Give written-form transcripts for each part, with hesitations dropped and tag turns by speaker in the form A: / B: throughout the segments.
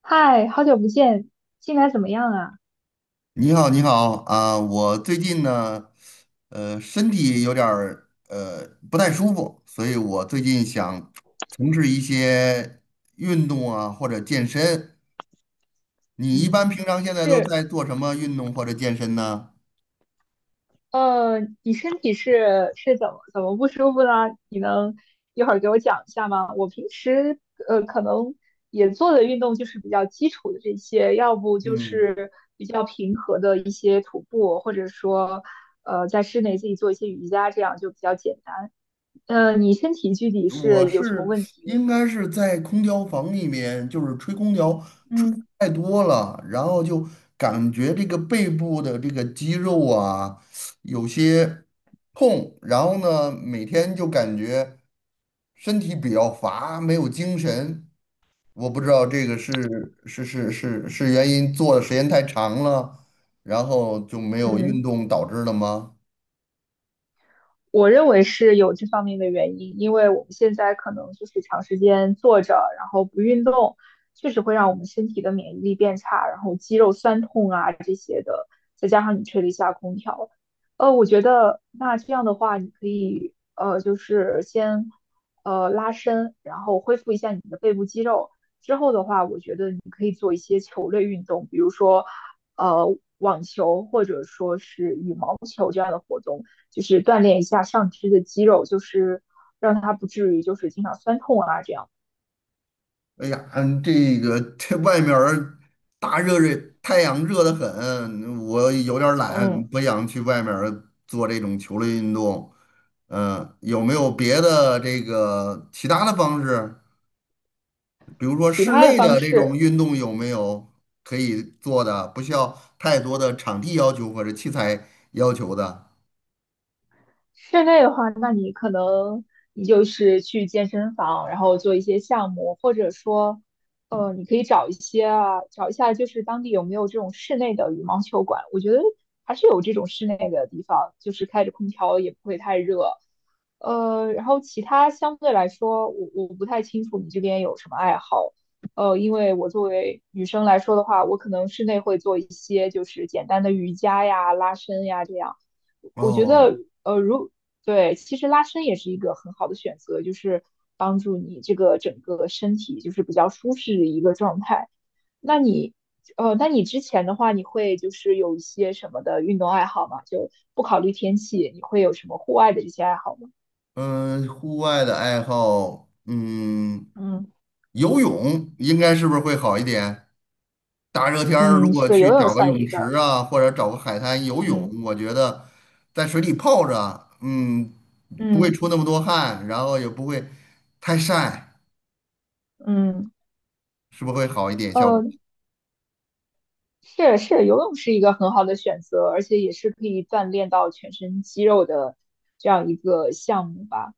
A: 嗨，好久不见，近来怎么样啊？
B: 你好，你好啊！我最近呢，身体有点儿不太舒服，所以我最近想从事一些运动啊，或者健身。你一般
A: 嗯，
B: 平常现在都
A: 是，
B: 在做什么运动或者健身呢？
A: 你身体是怎么不舒服呢？你能一会儿给我讲一下吗？我平时可能也做的运动就是比较基础的这些，要不就
B: 嗯。
A: 是比较平和的一些徒步，或者说在室内自己做一些瑜伽，这样就比较简单。你身体具体
B: 我
A: 是有什么
B: 是
A: 问题？
B: 应该是在空调房里面，就是吹空调吹得
A: 嗯
B: 太多了，然后就感觉这个背部的这个肌肉啊有些痛，然后呢每天就感觉身体比较乏，没有精神。我不知道这个是原因做的时间太长了，然后就没有运
A: 嗯。
B: 动导致的吗？
A: 我认为是有这方面的原因，因为我们现在可能就是长时间坐着，然后不运动，确实会让我们身体的免疫力变差，然后肌肉酸痛啊这些的，再加上你吹了一下空调，我觉得那这样的话，你可以就是先拉伸，然后恢复一下你的背部肌肉，之后的话，我觉得你可以做一些球类运动，比如说呃网球或者说是羽毛球这样的活动。就是锻炼一下上肢的肌肉，就是让它不至于就是经常酸痛啊这样。
B: 哎呀，嗯，这个这外面儿大热热，太阳热得很，我有点儿懒，
A: 嗯，
B: 不想去外面儿做这种球类运动。嗯、有没有别的这个其他的方式？比如说
A: 其
B: 室
A: 他的
B: 内
A: 方
B: 的这种
A: 式
B: 运动有没有可以做的，不需要太多的场地要求或者器材要求的？
A: 室内的话，那你可能你就是去健身房，然后做一些项目，或者说，你可以找一些啊，找一下就是当地有没有这种室内的羽毛球馆。我觉得还是有这种室内的地方，就是开着空调也不会太热。然后其他相对来说，我不太清楚你这边有什么爱好。因为我作为女生来说的话，我可能室内会做一些就是简单的瑜伽呀、拉伸呀这样。我觉
B: 哦，
A: 得，呃，如对，其实拉伸也是一个很好的选择，就是帮助你这个整个身体就是比较舒适的一个状态。那你，那你之前的话，你会就是有一些什么的运动爱好吗？就不考虑天气，你会有什么户外的一些爱好吗？
B: 嗯，户外的爱好，嗯，
A: 嗯
B: 游泳应该是不是会好一点？大热天儿如
A: 嗯，
B: 果
A: 是游
B: 去
A: 泳
B: 找个
A: 算
B: 泳
A: 一个，
B: 池啊，或者找个海滩游泳，
A: 嗯
B: 我觉得在水里泡着，嗯，不会
A: 嗯
B: 出那么多汗，然后也不会太晒，
A: 嗯，
B: 是不是会好一点效果？
A: 呃，是是，游泳是一个很好的选择，而且也是可以锻炼到全身肌肉的这样一个项目吧。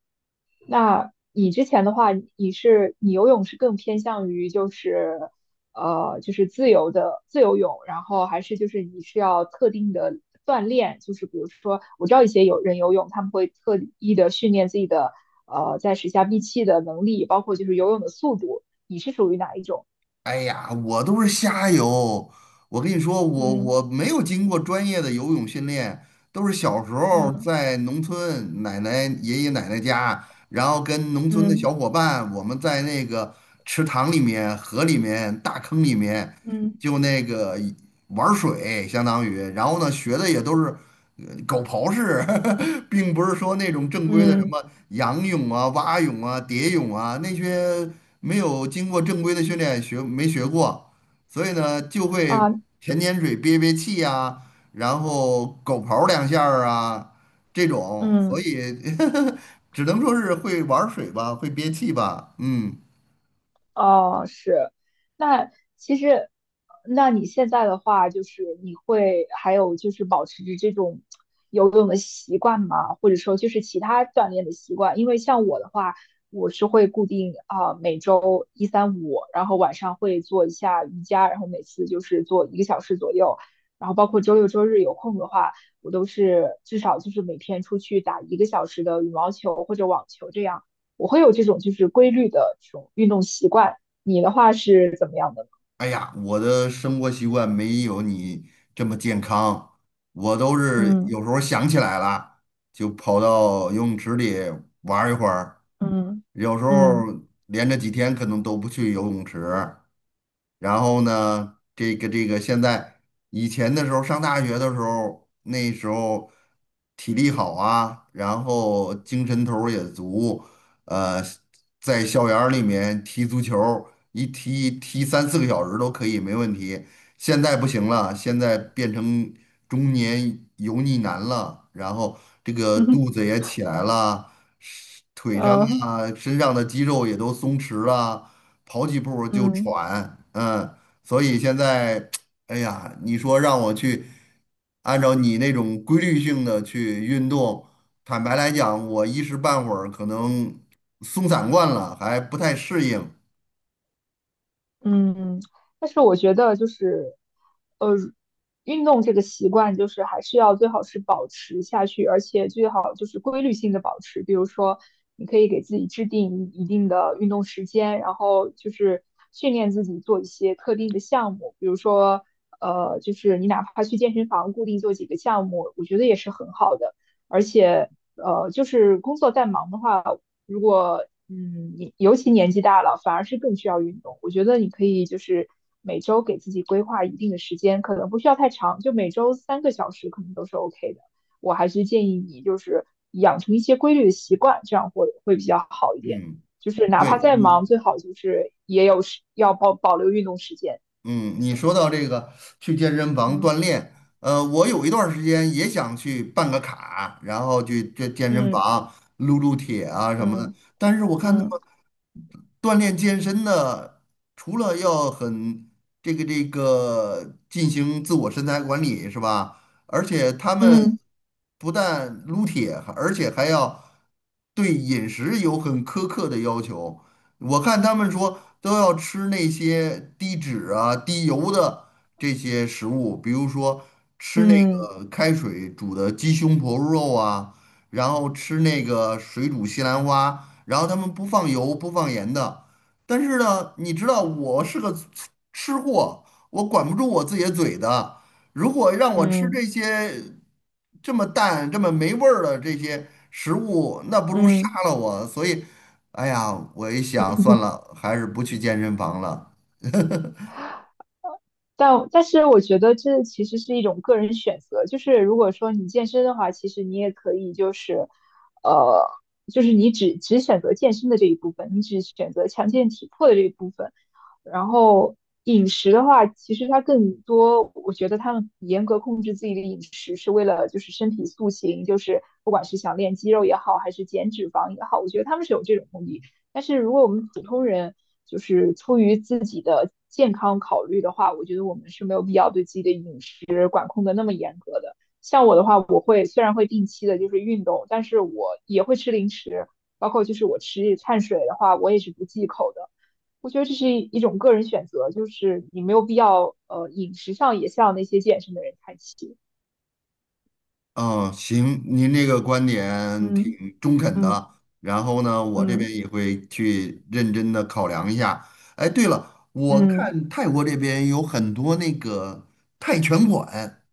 A: 那你之前的话，你是你游泳是更偏向于就是就是自由的自由泳，然后还是就是你是要特定的锻炼，就是比如说我知道一些有人游泳，他们会特意的训练自己的在水下闭气的能力，包括就是游泳的速度，你是属于哪一种？
B: 哎呀，我都是瞎游。我跟你说，我
A: 嗯
B: 我没有经过专业的游泳训练，都是小时候
A: 嗯
B: 在农村奶奶、爷爷奶奶家，然后跟农村的
A: 嗯
B: 小伙伴，我们在那个池塘里面、河里面、大坑里面，
A: 嗯
B: 就那个玩水，相当于。然后呢，学的也都是狗刨式，并不是说那种正规的什
A: 嗯
B: 么仰泳啊、蛙泳啊、蝶泳啊那些。没有经过正规的训练学没学过，所以呢就会
A: 啊
B: 舔舔嘴、憋憋气呀、然后狗刨两下儿啊这种，所
A: 嗯。
B: 以 只能说是会玩儿水吧，会憋气吧。嗯，
A: 哦，是，那其实，那你现在的话，就是你会还有就是保持着这种游泳的习惯吗？或者说就是其他锻炼的习惯？因为像我的话，我是会固定啊、每周一三五，然后晚上会做一下瑜伽，然后每次就是做一个小时左右，然后包括周六周日有空的话，我都是至少就是每天出去打一个小时的羽毛球或者网球这样。我会有这种就是规律的这种运动习惯。你的话是怎么样的呢？
B: 哎呀，我的生活习惯没有你这么健康，我都是
A: 嗯
B: 有时候想起来了就跑到游泳池里玩儿一会儿，
A: 嗯
B: 有时候
A: 嗯
B: 连着几天可能都不去游泳池。然后呢，现在以前的时候上大学的时候，那时候体力好啊，然后精神头儿也足，呃，在校园儿里面踢足球儿一踢踢三四个小时都可以，没问题。现在不行了，现在变成中年油腻男了，然后这个
A: 嗯嗯。
B: 肚子也起来了，是腿上
A: 嗯嗯
B: 啊、身上的肌肉也都松弛了。跑几步就
A: 嗯
B: 喘，嗯，所以现在，哎呀，你说让我去按照你那种规律性的去运动，坦白来讲，我一时半会儿可能松散惯了，还不太适应。
A: 嗯，但是我觉得就是，呃，运动这个习惯就是还是要最好是保持下去，而且最好就是规律性的保持。比如说，你可以给自己制定一定的运动时间，然后就是训练自己做一些特定的项目，比如说，就是你哪怕去健身房固定做几个项目，我觉得也是很好的。而且，就是工作再忙的话。如果嗯，你尤其年纪大了，反而是更需要运动。我觉得你可以就是每周给自己规划一定的时间，可能不需要太长，就每周三个小时可能都是 OK 的。我还是建议你就是养成一些规律的习惯，这样会比较好一点。
B: 嗯，
A: 就是哪怕
B: 对
A: 再
B: 你，
A: 忙，最好就是也有时要保留运动时间。
B: 嗯，你说到这个去健身房
A: 嗯
B: 锻炼，我有一段儿时间也想去办个卡，然后去这健身
A: 嗯
B: 房撸撸铁啊什么的，
A: 嗯
B: 但是我看。他
A: 嗯
B: 们。锻炼健身的，除了要很这个进行自我身材管理是吧？而且他们
A: 嗯
B: 不但撸铁，而且还要对饮食有很苛刻的要求。我看他们说都要吃那些低脂啊、低油的这些食物，比如说吃那
A: 嗯嗯
B: 个开水煮的鸡胸脯肉啊，然后吃那个水煮西兰花。然后他们不放油不放盐的。但是呢，你知道我是个吃货，我管不住我自己的嘴的。如果让我吃
A: 嗯。
B: 这
A: 嗯嗯
B: 些这么淡、这么没味儿的这些食物，那不如杀
A: 嗯
B: 了我。所以，哎呀，我一想，算了，还是不去健身房了。
A: 但是我觉得这其实是一种个人选择，就是如果说你健身的话，其实你也可以就是，呃，就是你只选择健身的这一部分，你只选择强健体魄的这一部分，然后饮食的话，其实它更多，我觉得他们严格控制自己的饮食，是为了就是身体塑形，就是不管是想练肌肉也好，还是减脂肪也好，我觉得他们是有这种目的。但是如果我们普通人就是出于自己的健康考虑的话，我觉得我们是没有必要对自己的饮食管控的那么严格的。像我的话，我会虽然会定期的就是运动，但是我也会吃零食，包括就是我吃碳水的话，我也是不忌口的。我觉得这是一种个人选择，就是你没有必要饮食上也向那些健身的人看齐。
B: 嗯，行，您这个观点
A: 嗯
B: 挺中肯
A: 嗯
B: 的，然后呢，我这边
A: 嗯
B: 也会去认真的考量一下。哎，对了，我
A: 嗯
B: 看泰国这边有很多那个泰拳馆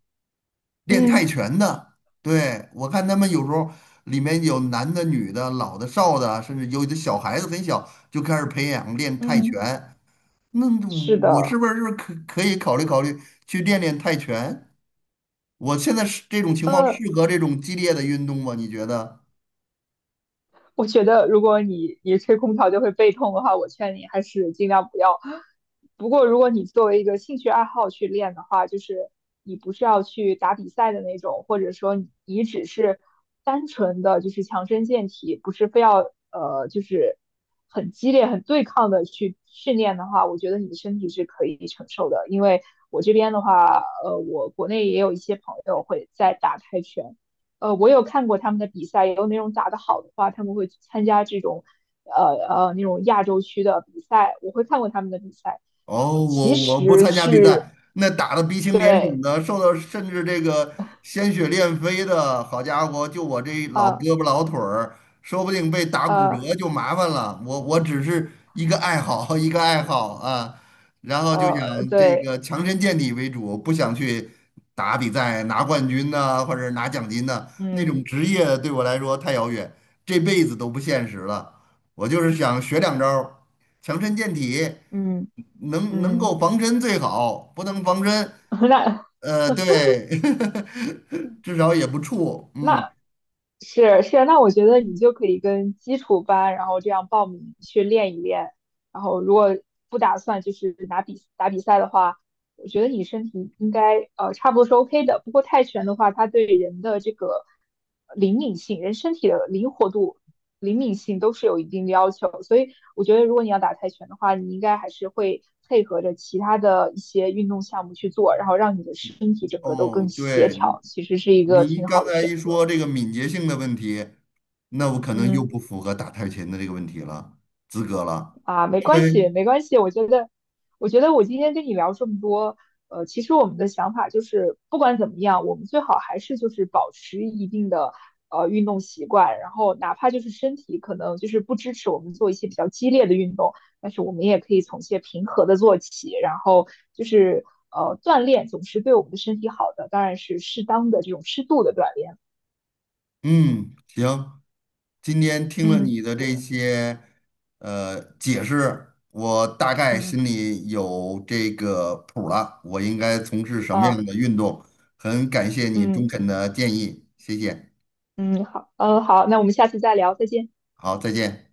B: 练泰
A: 嗯
B: 拳的，对，我看他们有时候里面有男的、女的、老的、少的，甚至有的小孩子很小就开始培养练泰拳。
A: 嗯，
B: 那
A: 是
B: 我是
A: 的，
B: 不是可以考虑考虑去练练泰拳？我现在是这种情况
A: 呃。
B: 适合这种激烈的运动吗？你觉得？
A: 我觉得如果你吹空调就会背痛的话，我劝你还是尽量不要。不过如果你作为一个兴趣爱好去练的话，就是你不是要去打比赛的那种，或者说你只是单纯的就是强身健体，不是非要就是很激烈、很对抗的去训练的话，我觉得你的身体是可以承受的。因为我这边的话，我国内也有一些朋友会在打泰拳。我有看过他们的比赛，有那种打得好的话，他们会参加这种呃那种亚洲区的比赛，我会看过他们的比赛。
B: 哦，
A: 其
B: 我不
A: 实
B: 参加比
A: 是
B: 赛，那打的鼻青脸
A: 对，
B: 肿的，受到甚至这个鲜血练飞的，好家伙，就我这老
A: 呃
B: 胳膊老腿儿，说不定被打骨
A: 呃
B: 折就麻烦了。我只是一个爱好，一个爱好啊，然后就想这
A: 对，
B: 个强身健体为主，不想去打比赛拿冠军呐、或者拿奖金呐、那种
A: 嗯
B: 职业对我来说太遥远，这辈子都不现实了。我就是想学两招儿强身健体。
A: 嗯
B: 能能
A: 嗯，
B: 够防身最好，不能防身，
A: 那
B: 对，至少也不怵。嗯，
A: 那是是，那我觉得你就可以跟基础班，然后这样报名去练一练，然后如果不打算就是拿比打比赛的话。我觉得你身体应该差不多是 OK 的。不过泰拳的话，它对人的这个灵敏性、人身体的灵活度、灵敏性都是有一定的要求。所以我觉得，如果你要打泰拳的话，你应该还是会配合着其他的一些运动项目去做，然后让你的身体整个都更
B: 哦，
A: 协
B: 对，你
A: 调，其实是一个
B: 你
A: 挺
B: 刚
A: 好的
B: 才
A: 选
B: 一
A: 择。
B: 说这个敏捷性的问题，那我可能又
A: 嗯。
B: 不符合打太极拳的这个问题了，资格了，
A: 啊，没
B: 因
A: 关系，
B: 为。
A: 没关系。我觉得，我觉得我今天跟你聊这么多，其实我们的想法就是，不管怎么样，我们最好还是就是保持一定的运动习惯，然后哪怕就是身体可能就是不支持我们做一些比较激烈的运动，但是我们也可以从一些平和的做起，然后就是锻炼总是对我们的身体好的，当然是适当的这种适度的锻炼。
B: 嗯，行，今天听了
A: 嗯
B: 你的
A: 对，
B: 这些解释，我大概
A: 嗯
B: 心里有这个谱了，我应该从事什么
A: 啊，
B: 样的运动。很感谢你中
A: 嗯
B: 肯的建议，谢谢。
A: 嗯，好，嗯好，那我们下次再聊，再见。
B: 好，再见。